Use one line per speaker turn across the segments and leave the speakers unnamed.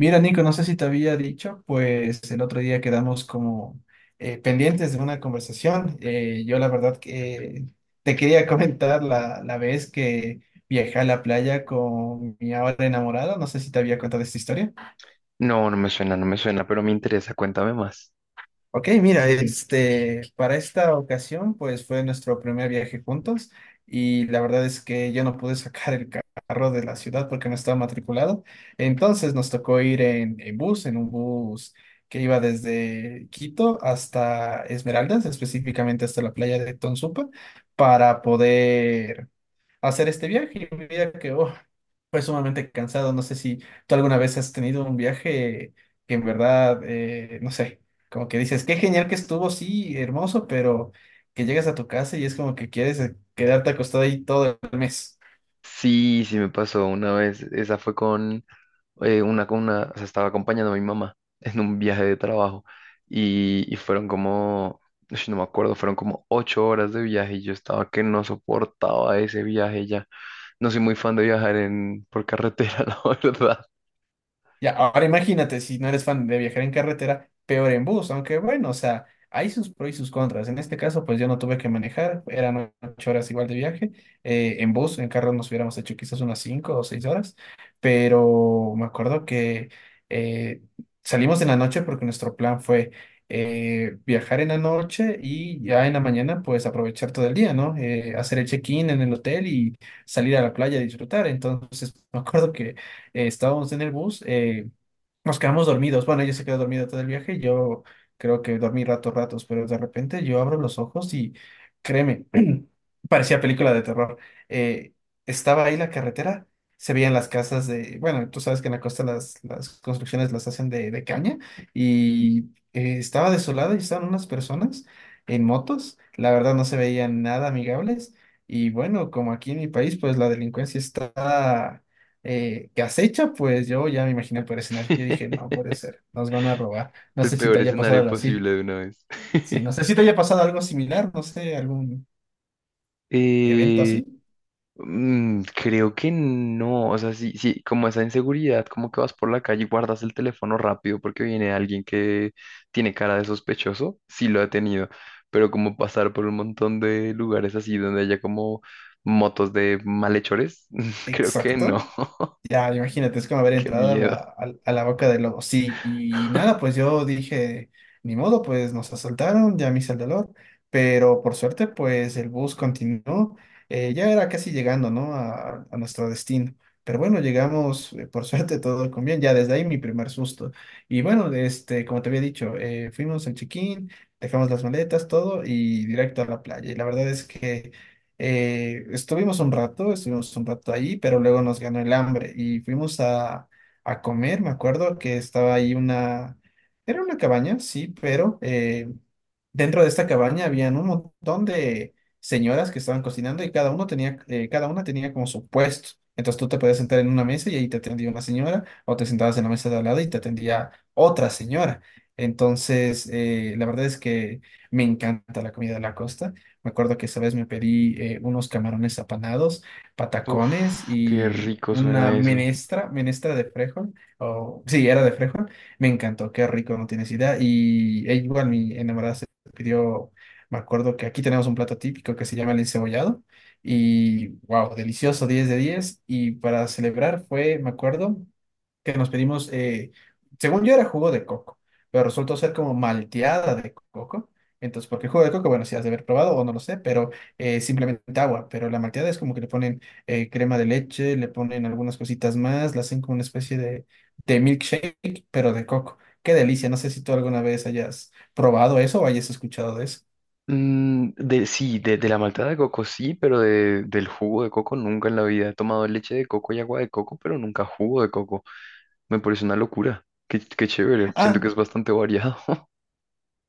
Mira, Nico, no sé si te había dicho, pues el otro día quedamos como pendientes de una conversación. Yo la verdad que te quería comentar la vez que viajé a la playa con mi ahora enamorada. No sé si te había contado esta historia.
No, no me suena, no me suena, pero me interesa, cuéntame más.
Ok, mira, este, para esta ocasión, pues fue nuestro primer viaje juntos y la verdad es que yo no pude sacar el carro de la ciudad porque no estaba matriculado. Entonces nos tocó ir en bus, en un bus que iba desde Quito hasta Esmeraldas, específicamente hasta la playa de Tonsupa, para poder hacer este viaje. Y mira que oh, fue sumamente cansado. No sé si tú alguna vez has tenido un viaje que en verdad, no sé, como que dices, qué genial que estuvo, sí, hermoso, pero que llegas a tu casa y es como que quieres quedarte acostado ahí todo el mes.
Sí, sí me pasó una vez, esa fue con con una, o sea, estaba acompañando a mi mamá en un viaje de trabajo y ush, no me acuerdo, fueron como 8 horas de viaje y yo estaba que no soportaba ese viaje ya. No soy muy fan de viajar por carretera, la verdad.
Ya, ahora imagínate, si no eres fan de viajar en carretera, peor en bus, aunque bueno, o sea, hay sus pros y sus contras. En este caso, pues yo no tuve que manejar, eran 8 horas igual de viaje. En bus, en carro nos hubiéramos hecho quizás unas 5 o 6 horas, pero me acuerdo que eh, salimos en la noche porque nuestro plan fue viajar en la noche y ya en la mañana, pues aprovechar todo el día, ¿no? Hacer el check-in en el hotel y salir a la playa a disfrutar. Entonces, me acuerdo que estábamos en el bus, nos quedamos dormidos. Bueno, ella se quedó dormida todo el viaje, yo creo que dormí ratos, ratos, pero de repente yo abro los ojos y créeme, parecía película de terror. Eh, estaba ahí la carretera, se veían las casas de, bueno, tú sabes que en la costa las construcciones las hacen de caña y estaba desolada y estaban unas personas en motos, la verdad no se veían nada amigables. Y bueno, como aquí en mi país, pues la delincuencia está que acecha, pues yo ya me imaginé por escenario. Yo dije, no puede ser, nos van a robar. No
El
sé si te
peor
haya pasado
escenario
algo así.
posible de una vez.
Sí, no sé si te haya pasado algo similar, no sé, algún evento
Eh,
así.
Creo que no, o sea, sí, sí, como esa inseguridad, como que vas por la calle y guardas el teléfono rápido porque viene alguien que tiene cara de sospechoso, sí lo he tenido, pero como pasar por un montón de lugares así donde haya como motos de malhechores, creo que no,
Exacto. Ya, imagínate, es como haber
qué
entrado
miedo.
a la boca del lobo. Sí, y nada, pues yo dije, ni modo, pues nos asaltaron, ya me hice el dolor, pero por suerte, pues el bus continuó, ya era casi llegando, ¿no? A nuestro destino. Pero bueno, llegamos, por suerte, todo con bien, ya desde ahí mi primer susto. Y bueno, este, como te había dicho, fuimos al check-in, dejamos las maletas, todo, y directo a la playa. Y la verdad es que... Estuvimos un rato, estuvimos un rato ahí, pero luego nos ganó el hambre y fuimos a comer. Me acuerdo que estaba ahí una, era una cabaña, sí, pero dentro de esta cabaña habían un montón de señoras que estaban cocinando y cada uno tenía, cada una tenía como su puesto. Entonces tú te podías sentar en una mesa y ahí te atendía una señora, o te sentabas en la mesa de al lado y te atendía otra señora. Entonces, la verdad es que me encanta la comida de la costa. Me acuerdo que esa vez me pedí unos camarones apanados, patacones
Uf, qué
y
rico
una
suena eso.
menestra, menestra de frejol, o sí, era de frejol. Me encantó, qué rico, no tienes idea. Y e igual mi enamorada se pidió, me acuerdo que aquí tenemos un plato típico que se llama el encebollado. Y wow, delicioso, 10 de 10. Y para celebrar fue, me acuerdo, que nos pedimos, según yo era jugo de coco, pero resultó ser como malteada de coco. Entonces, porque el jugo de coco, bueno, si has de haber probado o no lo sé, pero simplemente agua. Pero la malteada es como que le ponen crema de leche, le ponen algunas cositas más, la hacen como una especie de milkshake, pero de coco. Qué delicia. No sé si tú alguna vez hayas probado eso o hayas escuchado de eso.
Sí, de la malta de coco sí, pero del jugo de coco nunca en la vida. He tomado leche de coco y agua de coco, pero nunca jugo de coco. Me parece una locura. Qué chévere. Siento
Ah,
que es bastante variado.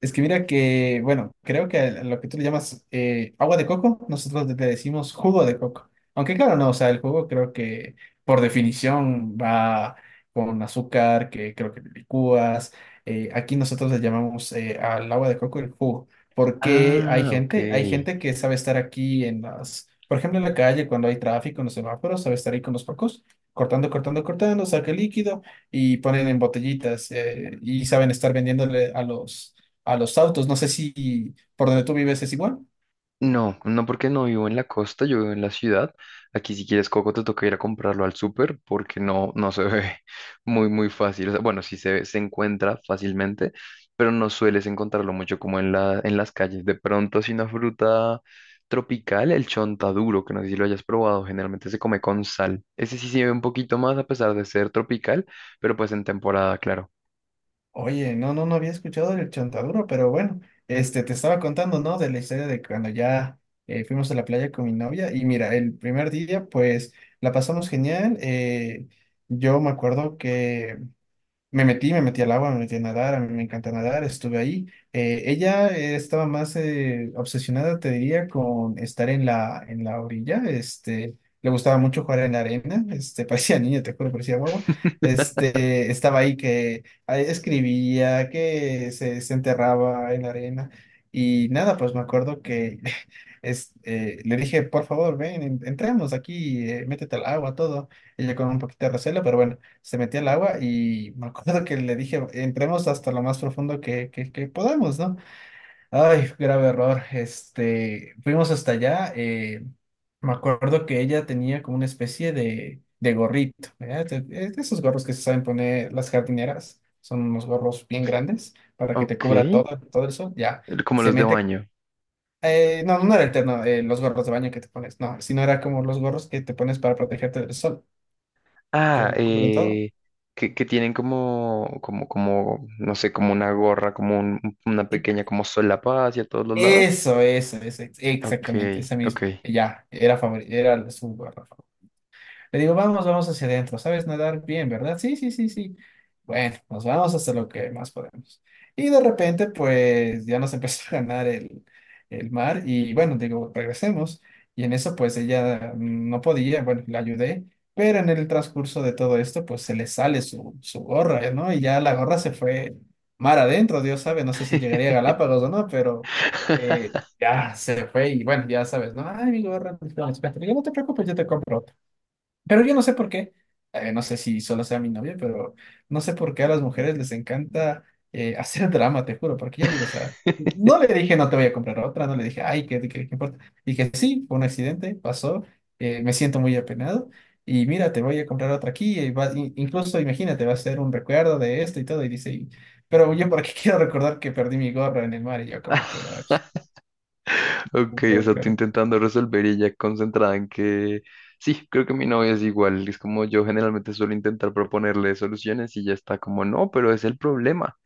Es que mira que, bueno, creo que a lo que tú le llamas agua de coco, nosotros le decimos jugo de coco. Aunque claro, no, o sea, el jugo creo que por definición va con azúcar, que creo que le licúas. Aquí nosotros le llamamos al agua de coco el jugo, porque
Ah, ok.
hay gente que sabe estar aquí en las, por ejemplo, en la calle cuando hay tráfico, en los semáforos, sabe estar ahí con los pocos, cortando, cortando, cortando, saca el líquido y ponen en botellitas y saben estar vendiéndole a los autos. No sé si por donde tú vives es igual.
No, no porque no vivo en la costa, yo vivo en la ciudad. Aquí si quieres coco te toca ir a comprarlo al súper porque no, no se ve muy, muy fácil. O sea, bueno, sí se encuentra fácilmente, pero no sueles encontrarlo mucho como en las calles. De pronto, si una fruta tropical, el chontaduro, que no sé si lo hayas probado, generalmente se come con sal. Ese sí se ve un poquito más a pesar de ser tropical, pero pues en temporada, claro.
Oye, no, no, no había escuchado del chontaduro, pero bueno, este, te estaba contando, ¿no? De la historia de cuando ya fuimos a la playa con mi novia y mira, el primer día, pues la pasamos genial. Yo me acuerdo que me metí, me metí al agua, me metí a nadar, a mí me encanta nadar, estuve ahí. Ella estaba más obsesionada, te diría, con estar en la orilla, este, le gustaba mucho jugar en la arena, este, parecía niña, te juro, parecía guagua, este, estaba ahí que ah, escribía, que se enterraba en la arena, y nada, pues me acuerdo que le dije, por favor, ven, entremos aquí, métete al agua, todo, ella con un poquito de recelo, pero bueno se metió al agua y me acuerdo que le dije, entremos hasta lo más profundo que podamos, ¿no? Ay, grave error. Este, fuimos hasta allá. Me acuerdo que ella tenía como una especie de gorrito, ¿verdad? De esos gorros que se saben poner las jardineras. Son unos gorros bien grandes para que te
Ok,
cubra todo, todo el sol. Ya,
como
se
los de
mete.
baño.
No, no era el terno, los gorros de baño que te pones, no, sino era como los gorros que te pones para protegerte del sol, que
Ah,
cubren todo.
que tienen como, no sé, como una gorra, como una pequeña como solapa hacia todos los lados.
Eso,
Ok,
exactamente, esa
ok.
misma. Ya, era era su barra favorita. Le digo, vamos, vamos hacia adentro. ¿Sabes nadar bien, verdad? Sí, sí, sí, sí. Bueno, nos vamos hasta lo que más podemos. Y de repente, pues ya nos empezó a ganar el mar. Y bueno, digo, regresemos. Y en eso, pues ella no podía, bueno, la ayudé. Pero en el transcurso de todo esto, pues se le sale su gorra, ¿no? Y ya la gorra se fue mar adentro, Dios sabe, no sé si llegaría a Galápagos o no, pero ya se fue y bueno, ya sabes, ¿no? Ay, mi gorra, espera, espera. Yo no te preocupes, yo te compro otra. Pero yo no sé por qué, no sé si solo sea mi novia, pero no sé por qué a las mujeres les encanta hacer drama, te juro, porque yo le digo, o sea, no le dije no te voy a comprar otra, no le dije, ay, ¿qué importa? Dije, sí, fue un accidente, pasó, me siento muy apenado y mira, te voy a comprar otra aquí, y incluso imagínate, va a ser un recuerdo de esto y todo, y dice, "Y- pero yo por qué quiero recordar que perdí mi gorra en el mar y yo como que, ay, no
Ok, o
puedo
sea, tú
creer".
intentando resolver y ella concentrada en que sí, creo que mi novia es igual. Es como yo generalmente suelo intentar proponerle soluciones y ya está como, no, pero es el problema.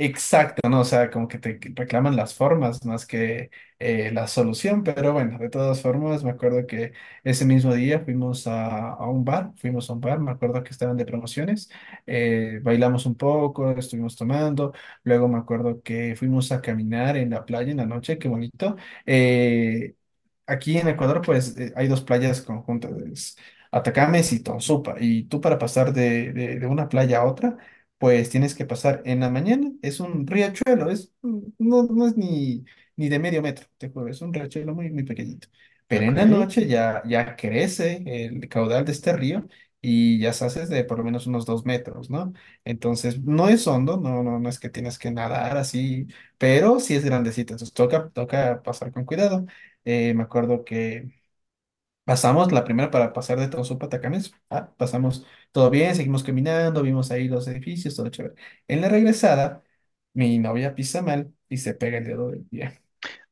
Exacto, ¿no? O sea, como que te reclaman las formas más que la solución, pero bueno, de todas formas, me acuerdo que ese mismo día fuimos a un bar, fuimos a un bar, me acuerdo que estaban de promociones, bailamos un poco, estuvimos tomando, luego me acuerdo que fuimos a caminar en la playa en la noche, qué bonito, eh, aquí en Ecuador, pues hay dos playas conjuntas, es Atacames y Tonsupa. Y tú para pasar de una playa a otra, pues tienes que pasar en la mañana. Es un riachuelo, es, no, no es ni, ni de medio metro, te juro, es un riachuelo muy, muy pequeñito. Pero en
Ok.
la noche ya, ya crece el caudal de este río y ya se hace de por lo menos unos 2 metros, ¿no? Entonces, no es hondo, no, no, no es que tienes que nadar así, pero sí es grandecito, entonces toca, toca pasar con cuidado. Me acuerdo que pasamos la primera para pasar de Tonsupa a Tacanes. Pasamos todo bien, seguimos caminando, vimos ahí los edificios, todo chévere. En la regresada, mi novia pisa mal y se pega el dedo del pie.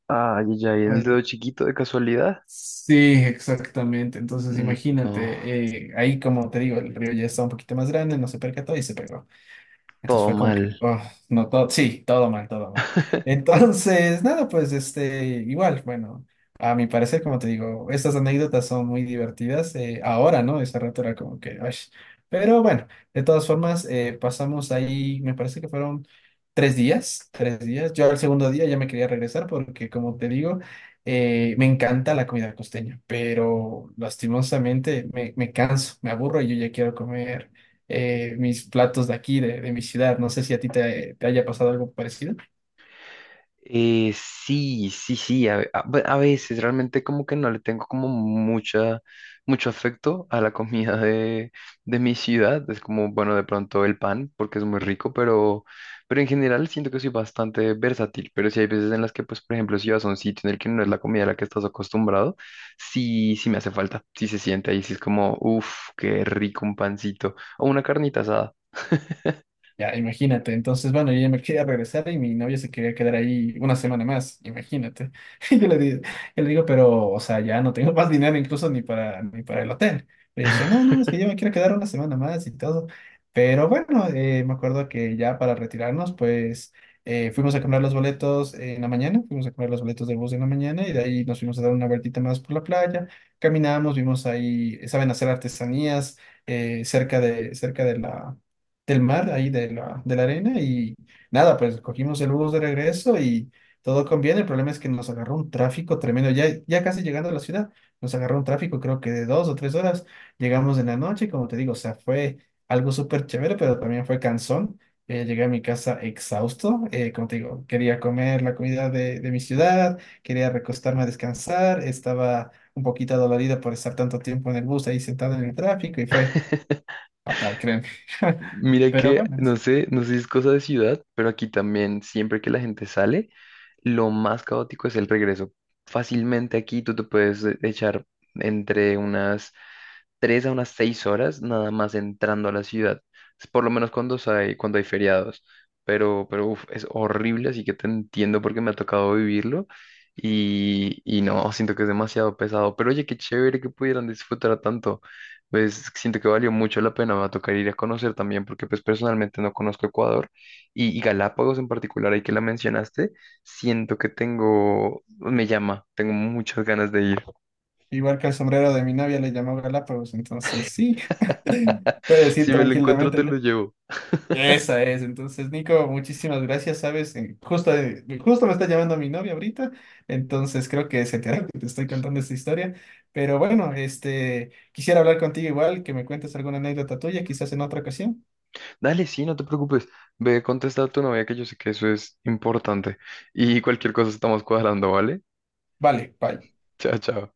Ay, ya, ¿y en el
Bueno,
dedo chiquito de casualidad?
sí, exactamente. Entonces,
Mm, no,
imagínate, ahí como te digo, el río ya está un poquito más grande, no se percató y se pegó. Entonces
todo
fue como que,
mal.
oh, no, todo, sí, todo mal, todo mal. Entonces, nada, pues este, igual, bueno, a mi parecer, como te digo, estas anécdotas son muy divertidas. Ahora, ¿no? Ese rato era como que, ay. Pero bueno, de todas formas, pasamos ahí, me parece que fueron 3 días, 3 días. Yo al segundo día ya me quería regresar porque, como te digo, me encanta la comida costeña, pero lastimosamente me, me canso, me aburro y yo ya quiero comer mis platos de aquí, de mi ciudad. No sé si a ti te, te haya pasado algo parecido.
Sí, sí, sí, a, ve- a- bu- a veces realmente como que no le tengo como mucho afecto a la comida de mi ciudad. Es como, bueno, de pronto el pan, porque es muy rico, pero en general siento que soy bastante versátil. Pero sí hay veces en las que, pues, por ejemplo, si vas a un sitio en el que no es la comida a la que estás acostumbrado, sí, sí me hace falta, sí se siente ahí, sí es como, uff, qué rico un pancito o una carnita asada.
Ya, imagínate. Entonces, bueno, yo ya me quería regresar y mi novia se quería quedar ahí una semana más, imagínate. Y yo yo le digo, pero, o sea, ya no tengo más dinero incluso ni para el hotel. Y ella decía, no, no, es que yo me quiero quedar una semana más y todo. Pero bueno, me acuerdo que ya para retirarnos, pues fuimos a comprar los boletos en la mañana, fuimos a comprar los boletos del bus en la mañana y de ahí nos fuimos a dar una vueltita más por la playa. Caminamos, vimos ahí, saben hacer artesanías cerca de la del mar, ahí de de la arena, y nada, pues cogimos el bus de regreso y todo conviene. El problema es que nos agarró un tráfico tremendo. Ya, ya casi llegando a la ciudad, nos agarró un tráfico, creo que de 2 o 3 horas. Llegamos en la noche, y como te digo, o sea, fue algo súper chévere, pero también fue cansón. Llegué a mi casa exhausto, como te digo, quería comer la comida de mi ciudad, quería recostarme a descansar, estaba un poquito dolorido por estar tanto tiempo en el bus ahí sentado en el tráfico y fue fatal, créeme.
Mira
Pero
que,
bueno,
no sé, no sé si es cosa de ciudad, pero aquí también siempre que la gente sale, lo más caótico es el regreso. Fácilmente aquí tú te puedes echar entre unas 3 a unas 6 horas nada más entrando a la ciudad. Es por lo menos cuando hay feriados. Pero uf, es horrible, así que te entiendo porque me ha tocado vivirlo. Y no, siento que es demasiado pesado. Pero oye, qué chévere que pudieran disfrutar tanto. Pues siento que valió mucho la pena. Me va a tocar ir a conocer también porque pues personalmente no conozco Ecuador. Y Galápagos en particular, ahí que la mencionaste, siento que tengo, me llama, tengo muchas ganas de ir.
igual que el sombrero de mi novia le llamó Galápagos, entonces sí, puedes ir
Si me lo encuentro,
tranquilamente
te lo
ya.
llevo.
Esa es, entonces Nico, muchísimas gracias, sabes, justo me está llamando mi novia ahorita, entonces creo que se enteró que te estoy contando esta historia, pero bueno, este, quisiera hablar contigo igual, que me cuentes alguna anécdota tuya, quizás en otra ocasión.
Dale, sí, no te preocupes. Ve, contesta a tu novia que yo sé que eso es importante. Y cualquier cosa estamos cuadrando, ¿vale?
Vale, bye.
Chao, chao.